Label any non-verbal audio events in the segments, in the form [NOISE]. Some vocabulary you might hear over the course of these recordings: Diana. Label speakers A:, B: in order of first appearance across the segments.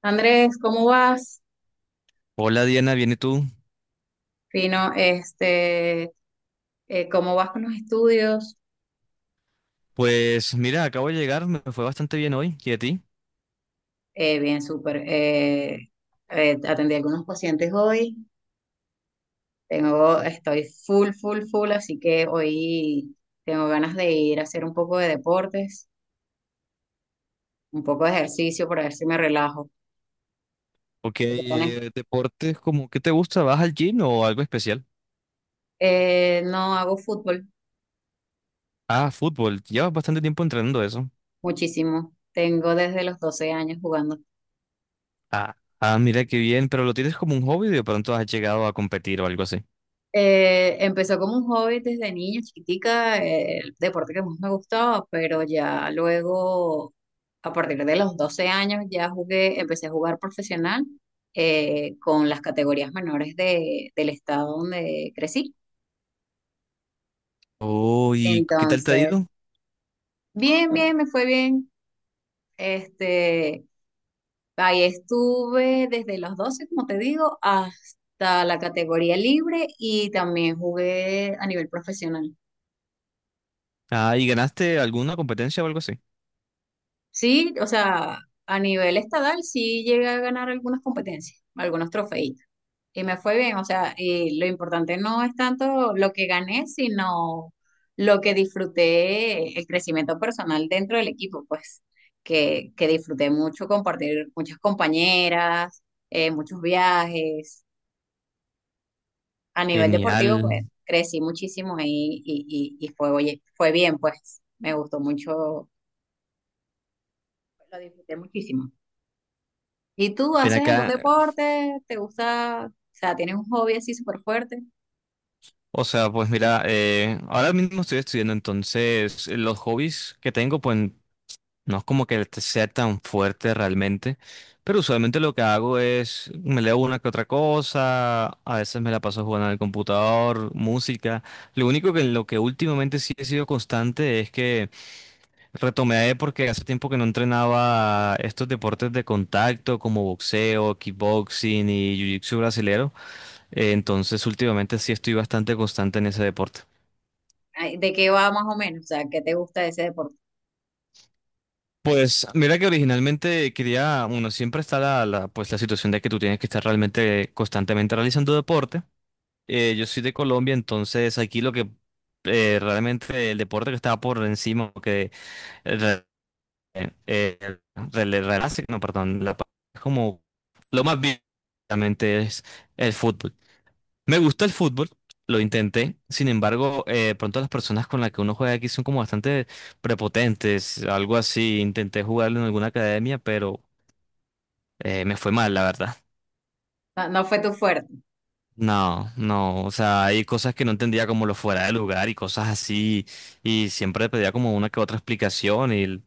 A: Andrés, ¿cómo vas?
B: Hola Diana, ¿bien y tú?
A: Fino, ¿cómo vas con los estudios?
B: Pues mira, acabo de llegar, me fue bastante bien hoy. ¿Y a ti?
A: Bien, súper. Atendí a algunos pacientes hoy. Estoy full, full, full, así que hoy tengo ganas de ir a hacer un poco de deportes, un poco de ejercicio para ver si me relajo.
B: Ok,
A: ¿Tú qué tienes?
B: deportes como, ¿qué te gusta? ¿Vas al gym o algo especial?
A: No hago fútbol
B: Ah, fútbol, llevas bastante tiempo entrenando eso.
A: muchísimo. Tengo desde los 12 años jugando.
B: Ah, ah, mira qué bien, pero lo tienes como un hobby y de pronto has llegado a competir o algo así.
A: Empezó como un hobby desde niña, chiquitica, el deporte que más me gustaba, pero ya luego, a partir de los 12 años, empecé a jugar profesional con las categorías menores del estado donde crecí.
B: Oh, ¿y qué tal te ha
A: Entonces,
B: ido?
A: bien, bien, me fue bien. Este, Ahí estuve desde los 12 como te digo, hasta la categoría libre y también jugué a nivel profesional.
B: Ah, ¿y ganaste alguna competencia o algo así?
A: Sí, o sea, a nivel estadal sí llegué a ganar algunas competencias, algunos trofeitos. Y me fue bien, o sea, y lo importante no es tanto lo que gané, sino lo que disfruté, el crecimiento personal dentro del equipo, pues, que disfruté mucho compartir muchas compañeras, muchos viajes. A nivel deportivo,
B: Genial.
A: pues, crecí muchísimo ahí y fue, oye, fue bien, pues, me gustó mucho, lo disfruté muchísimo. ¿Y tú
B: Ven
A: haces algún
B: acá.
A: deporte? ¿Te gusta? O sea, ¿tienes un hobby así súper fuerte?
B: O sea, pues mira, ahora mismo estoy estudiando, entonces los hobbies que tengo, pues no es como que sea tan fuerte realmente, pero usualmente lo que hago es me leo una que otra cosa, a veces me la paso jugando en el computador, música. Lo único que lo que últimamente sí he sido constante es que retomé porque hace tiempo que no entrenaba estos deportes de contacto como boxeo, kickboxing y jiu-jitsu brasilero. Entonces últimamente sí estoy bastante constante en ese deporte.
A: Ay, ¿de qué va más o menos? O sea, ¿qué te gusta de ese deporte?
B: Pues mira que originalmente quería, bueno, siempre está pues la situación de que tú tienes que estar realmente constantemente realizando deporte. Yo soy de Colombia, entonces aquí lo que realmente el deporte que estaba por encima, que eh, re- eh, no, perdón, es como lo más bien realmente es el fútbol. Me gusta el fútbol, lo intenté. Sin embargo, pronto las personas con las que uno juega aquí son como bastante prepotentes, algo así. Intenté jugarlo en alguna academia, pero me fue mal, la verdad.
A: No, no fue tu fuerte.
B: No, no, o sea, hay cosas que no entendía como lo fuera de lugar y cosas así, y siempre pedía como una que otra explicación y, o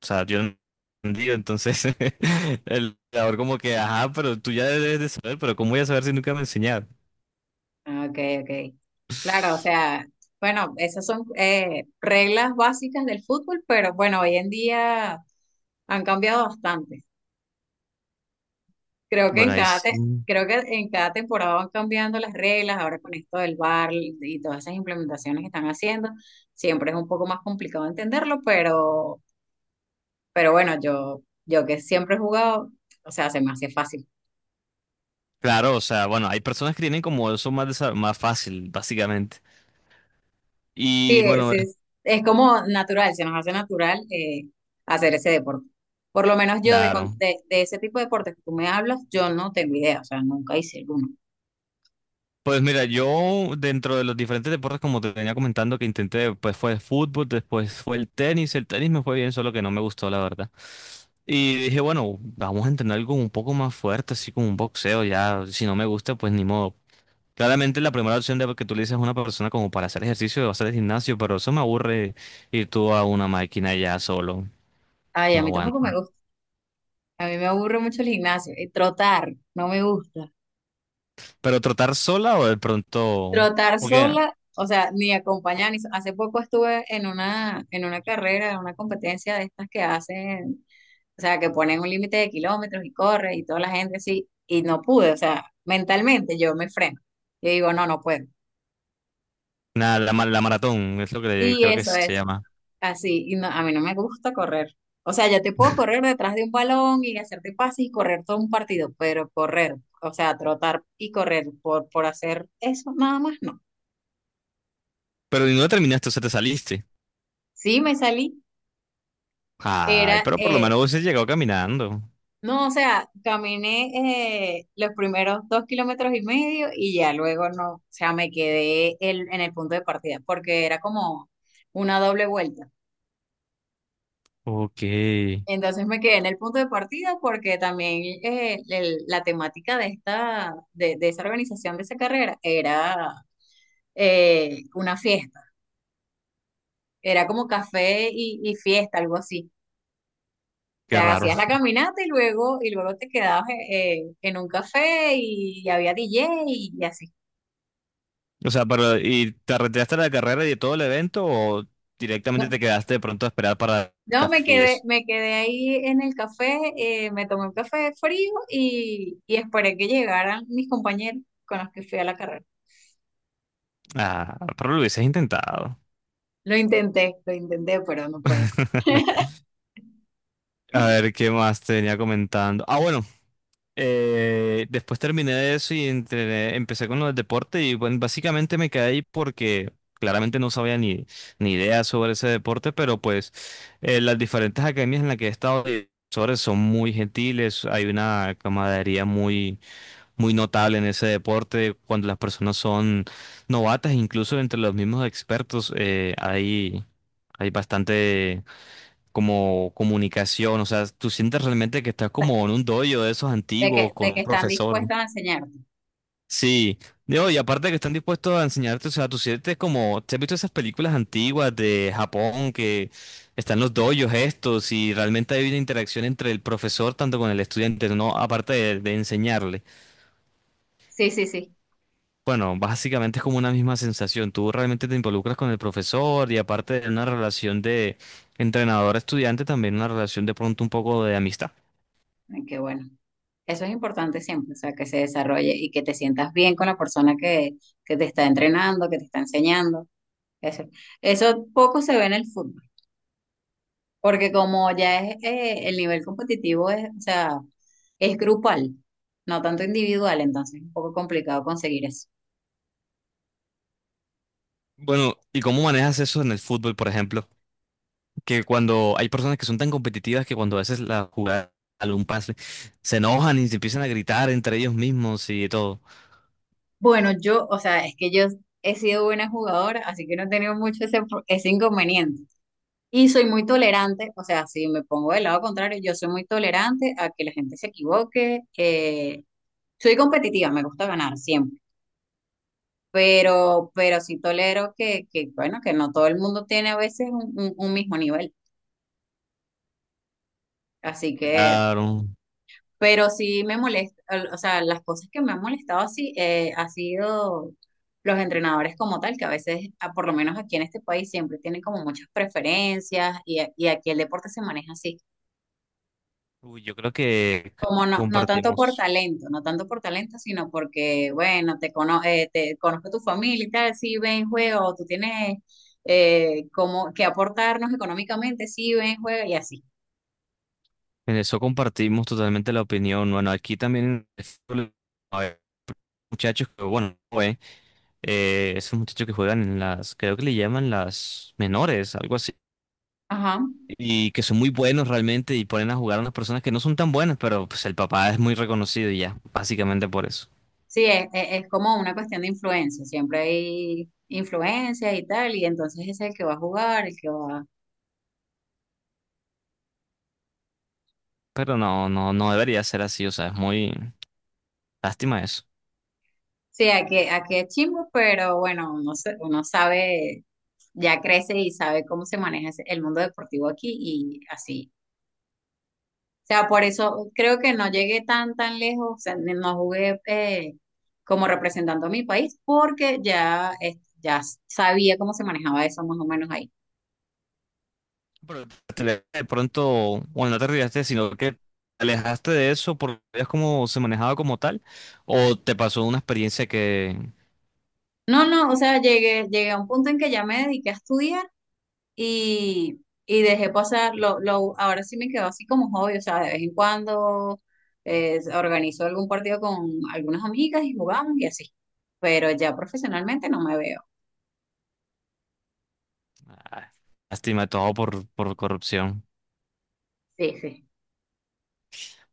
B: sea, yo no entendía, entonces [LAUGHS] el jugador como que, ajá, pero tú ya debes de saber, pero ¿cómo voy a saber si nunca me enseñaron?
A: Ah, ok, ok. Claro, o sea, bueno, esas son reglas básicas del fútbol, pero bueno, hoy en día han cambiado bastante. Creo que
B: Bueno,
A: en
B: ahí
A: cada,
B: sí.
A: te- Creo que en cada temporada van cambiando las reglas, ahora con esto del VAR y todas esas implementaciones que están haciendo, siempre es un poco más complicado entenderlo, pero bueno, yo que siempre he jugado, o sea, se me hace fácil.
B: Claro, o sea, bueno, hay personas que tienen como eso más, más fácil, básicamente.
A: Sí,
B: Y bueno,
A: es como natural, se nos hace natural hacer ese deporte. Por lo menos yo
B: claro.
A: de ese tipo de deportes que tú me hablas, yo no tengo idea, o sea, nunca hice alguno.
B: Pues mira, yo dentro de los diferentes deportes, como te venía comentando, que intenté, pues fue el fútbol, después fue el tenis. El tenis me fue bien, solo que no me gustó, la verdad. Y dije, bueno, vamos a entrenar algo un poco más fuerte, así como un boxeo, ya, si no me gusta, pues ni modo. Claramente la primera opción de que tú le dices a una persona como para hacer ejercicio va a ser el gimnasio, pero eso me aburre ir tú a una máquina ya solo,
A: Ay, a
B: no
A: mí tampoco me
B: aguanta.
A: gusta. A mí me aburre mucho el gimnasio. Y trotar, no me gusta.
B: ¿Pero trotar sola o de pronto?
A: Trotar
B: Porque,
A: sola, o sea, ni acompañar. Ni... Hace poco estuve en una carrera, en una competencia de estas que hacen, o sea, que ponen un límite de kilómetros y corre y toda la gente así, y no pude, o sea, mentalmente yo me freno. Yo digo, no, no puedo.
B: nada, la maratón es lo que
A: Sí,
B: creo que
A: eso
B: se
A: es
B: llama.
A: así, y no, a mí no me gusta correr. O sea, yo te puedo
B: [LAUGHS]
A: correr detrás de un balón y hacerte pases y correr todo un partido, pero correr, o sea, trotar y correr por hacer eso, nada más no.
B: Pero y no terminaste, o sea, te saliste.
A: Sí, me salí,
B: Ay,
A: era,
B: pero por lo
A: eh,
B: menos hubiese llegado caminando.
A: no, o sea, caminé los primeros dos kilómetros y medio y ya luego no, o sea, en el punto de partida porque era como una doble vuelta.
B: Ok, qué
A: Entonces me quedé en el punto de partida porque también la temática de esa organización de esa carrera era una fiesta, era como café y fiesta, algo así. O sea,
B: raro.
A: hacías la caminata y luego te quedabas en un café y, había DJ y así.
B: O sea, pero ¿y te retiraste de la carrera y de todo el evento o directamente te quedaste de pronto a esperar para el
A: No,
B: café y eso?
A: me quedé ahí en el café, me tomé un café frío y esperé que llegaran mis compañeros con los que fui a la carrera.
B: Ah, pero lo hubieses intentado.
A: Lo intenté, pero no puedo. O
B: [LAUGHS] A ver, ¿qué más te venía comentando? Ah, bueno, después terminé de eso y empecé con los deportes y bueno, básicamente me quedé ahí porque claramente no sabía ni, ni idea sobre ese deporte, pero pues las diferentes academias en las que he estado de profesores son muy gentiles, hay una camaradería muy, muy notable en ese deporte cuando las personas son novatas, incluso entre los mismos expertos hay bastante como comunicación, o sea, tú sientes realmente que estás
A: sea,
B: como en un dojo de esos antiguos con
A: de que
B: un
A: están
B: profesor.
A: dispuestos a enseñarte.
B: Sí, no, y aparte que están dispuestos a enseñarte, o sea, tú sientes como, ¿te has visto esas películas antiguas de Japón que están los dojos estos y realmente hay una interacción entre el profesor tanto con el estudiante, no aparte de enseñarle?
A: Sí, sí, sí.
B: Bueno, básicamente es como una misma sensación, tú realmente te involucras con el profesor y aparte de una relación de entrenador-estudiante, también una relación de pronto un poco de amistad.
A: Ay, qué bueno. Eso es importante siempre, o sea, que se desarrolle y que te sientas bien con la persona que te está entrenando, que te está enseñando. Eso, eso poco se ve en el fútbol. Porque como ya es el nivel competitivo es, o sea, es grupal, no tanto individual, entonces es un poco complicado conseguir eso.
B: Bueno, ¿y cómo manejas eso en el fútbol, por ejemplo? Que cuando hay personas que son tan competitivas que cuando a veces la jugada, algún pase, se enojan y se empiezan a gritar entre ellos mismos y todo.
A: Bueno, yo, o sea, es que yo he sido buena jugadora, así que no he tenido mucho ese, ese inconveniente. Y soy muy tolerante, o sea, si me pongo del lado contrario, yo soy muy tolerante a que la gente se equivoque. Soy competitiva, me gusta ganar siempre, pero sí tolero que, bueno, que no todo el mundo tiene a veces un mismo nivel. Así que
B: Claro.
A: pero sí me molesta, o sea, las cosas que me han molestado así ha sido los entrenadores como tal, que a veces, por lo menos aquí en este país, siempre tienen como muchas preferencias y aquí el deporte se maneja así.
B: Uy, yo creo que
A: Como no, no tanto por
B: compartimos,
A: talento, no tanto por talento, sino porque, bueno, te conozco tu familia y tal, sí, ven, juega, o tú tienes como que aportarnos económicamente, sí, ven, juega y así.
B: en eso compartimos totalmente la opinión. Bueno, aquí también hay muchachos que, bueno, eh, esos muchachos que juegan en las, creo que le llaman las menores, algo así,
A: Ajá.
B: y que son muy buenos realmente y ponen a jugar a unas personas que no son tan buenas, pero pues el papá es muy reconocido y ya, básicamente por eso.
A: Sí, es como una cuestión de influencia, siempre hay influencias y tal, y entonces es el que va a jugar, el que va...
B: Pero no, no, no debería ser así, o sea, es muy lástima eso.
A: Sí, aquí, aquí es chimbo, pero bueno, uno sabe, ya crece y sabe cómo se maneja el mundo deportivo aquí y así. O sea, por eso creo que no llegué tan, tan lejos, o sea, no jugué como representando a mi país, porque ya, ya sabía cómo se manejaba eso más o menos ahí.
B: Pero de pronto, bueno, no te arriesgaste, sino que te alejaste de eso porque veías cómo se manejaba como tal, o te pasó una experiencia que
A: No, no, o sea, llegué, llegué a un punto en que ya me dediqué a estudiar y dejé pasar, ahora sí me quedó así como hobby, o sea, de vez en cuando organizo algún partido con algunas amigas y jugamos y así, pero ya profesionalmente no me veo.
B: ah, lástima todo por corrupción.
A: Sí, sí.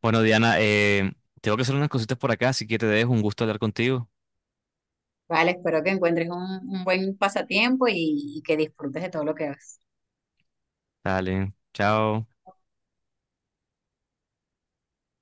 B: Bueno, Diana, tengo que hacer unas cositas por acá, así que te dejo, un gusto hablar contigo.
A: Vale, espero que encuentres un buen pasatiempo y que disfrutes de todo lo que haces.
B: Dale, chao.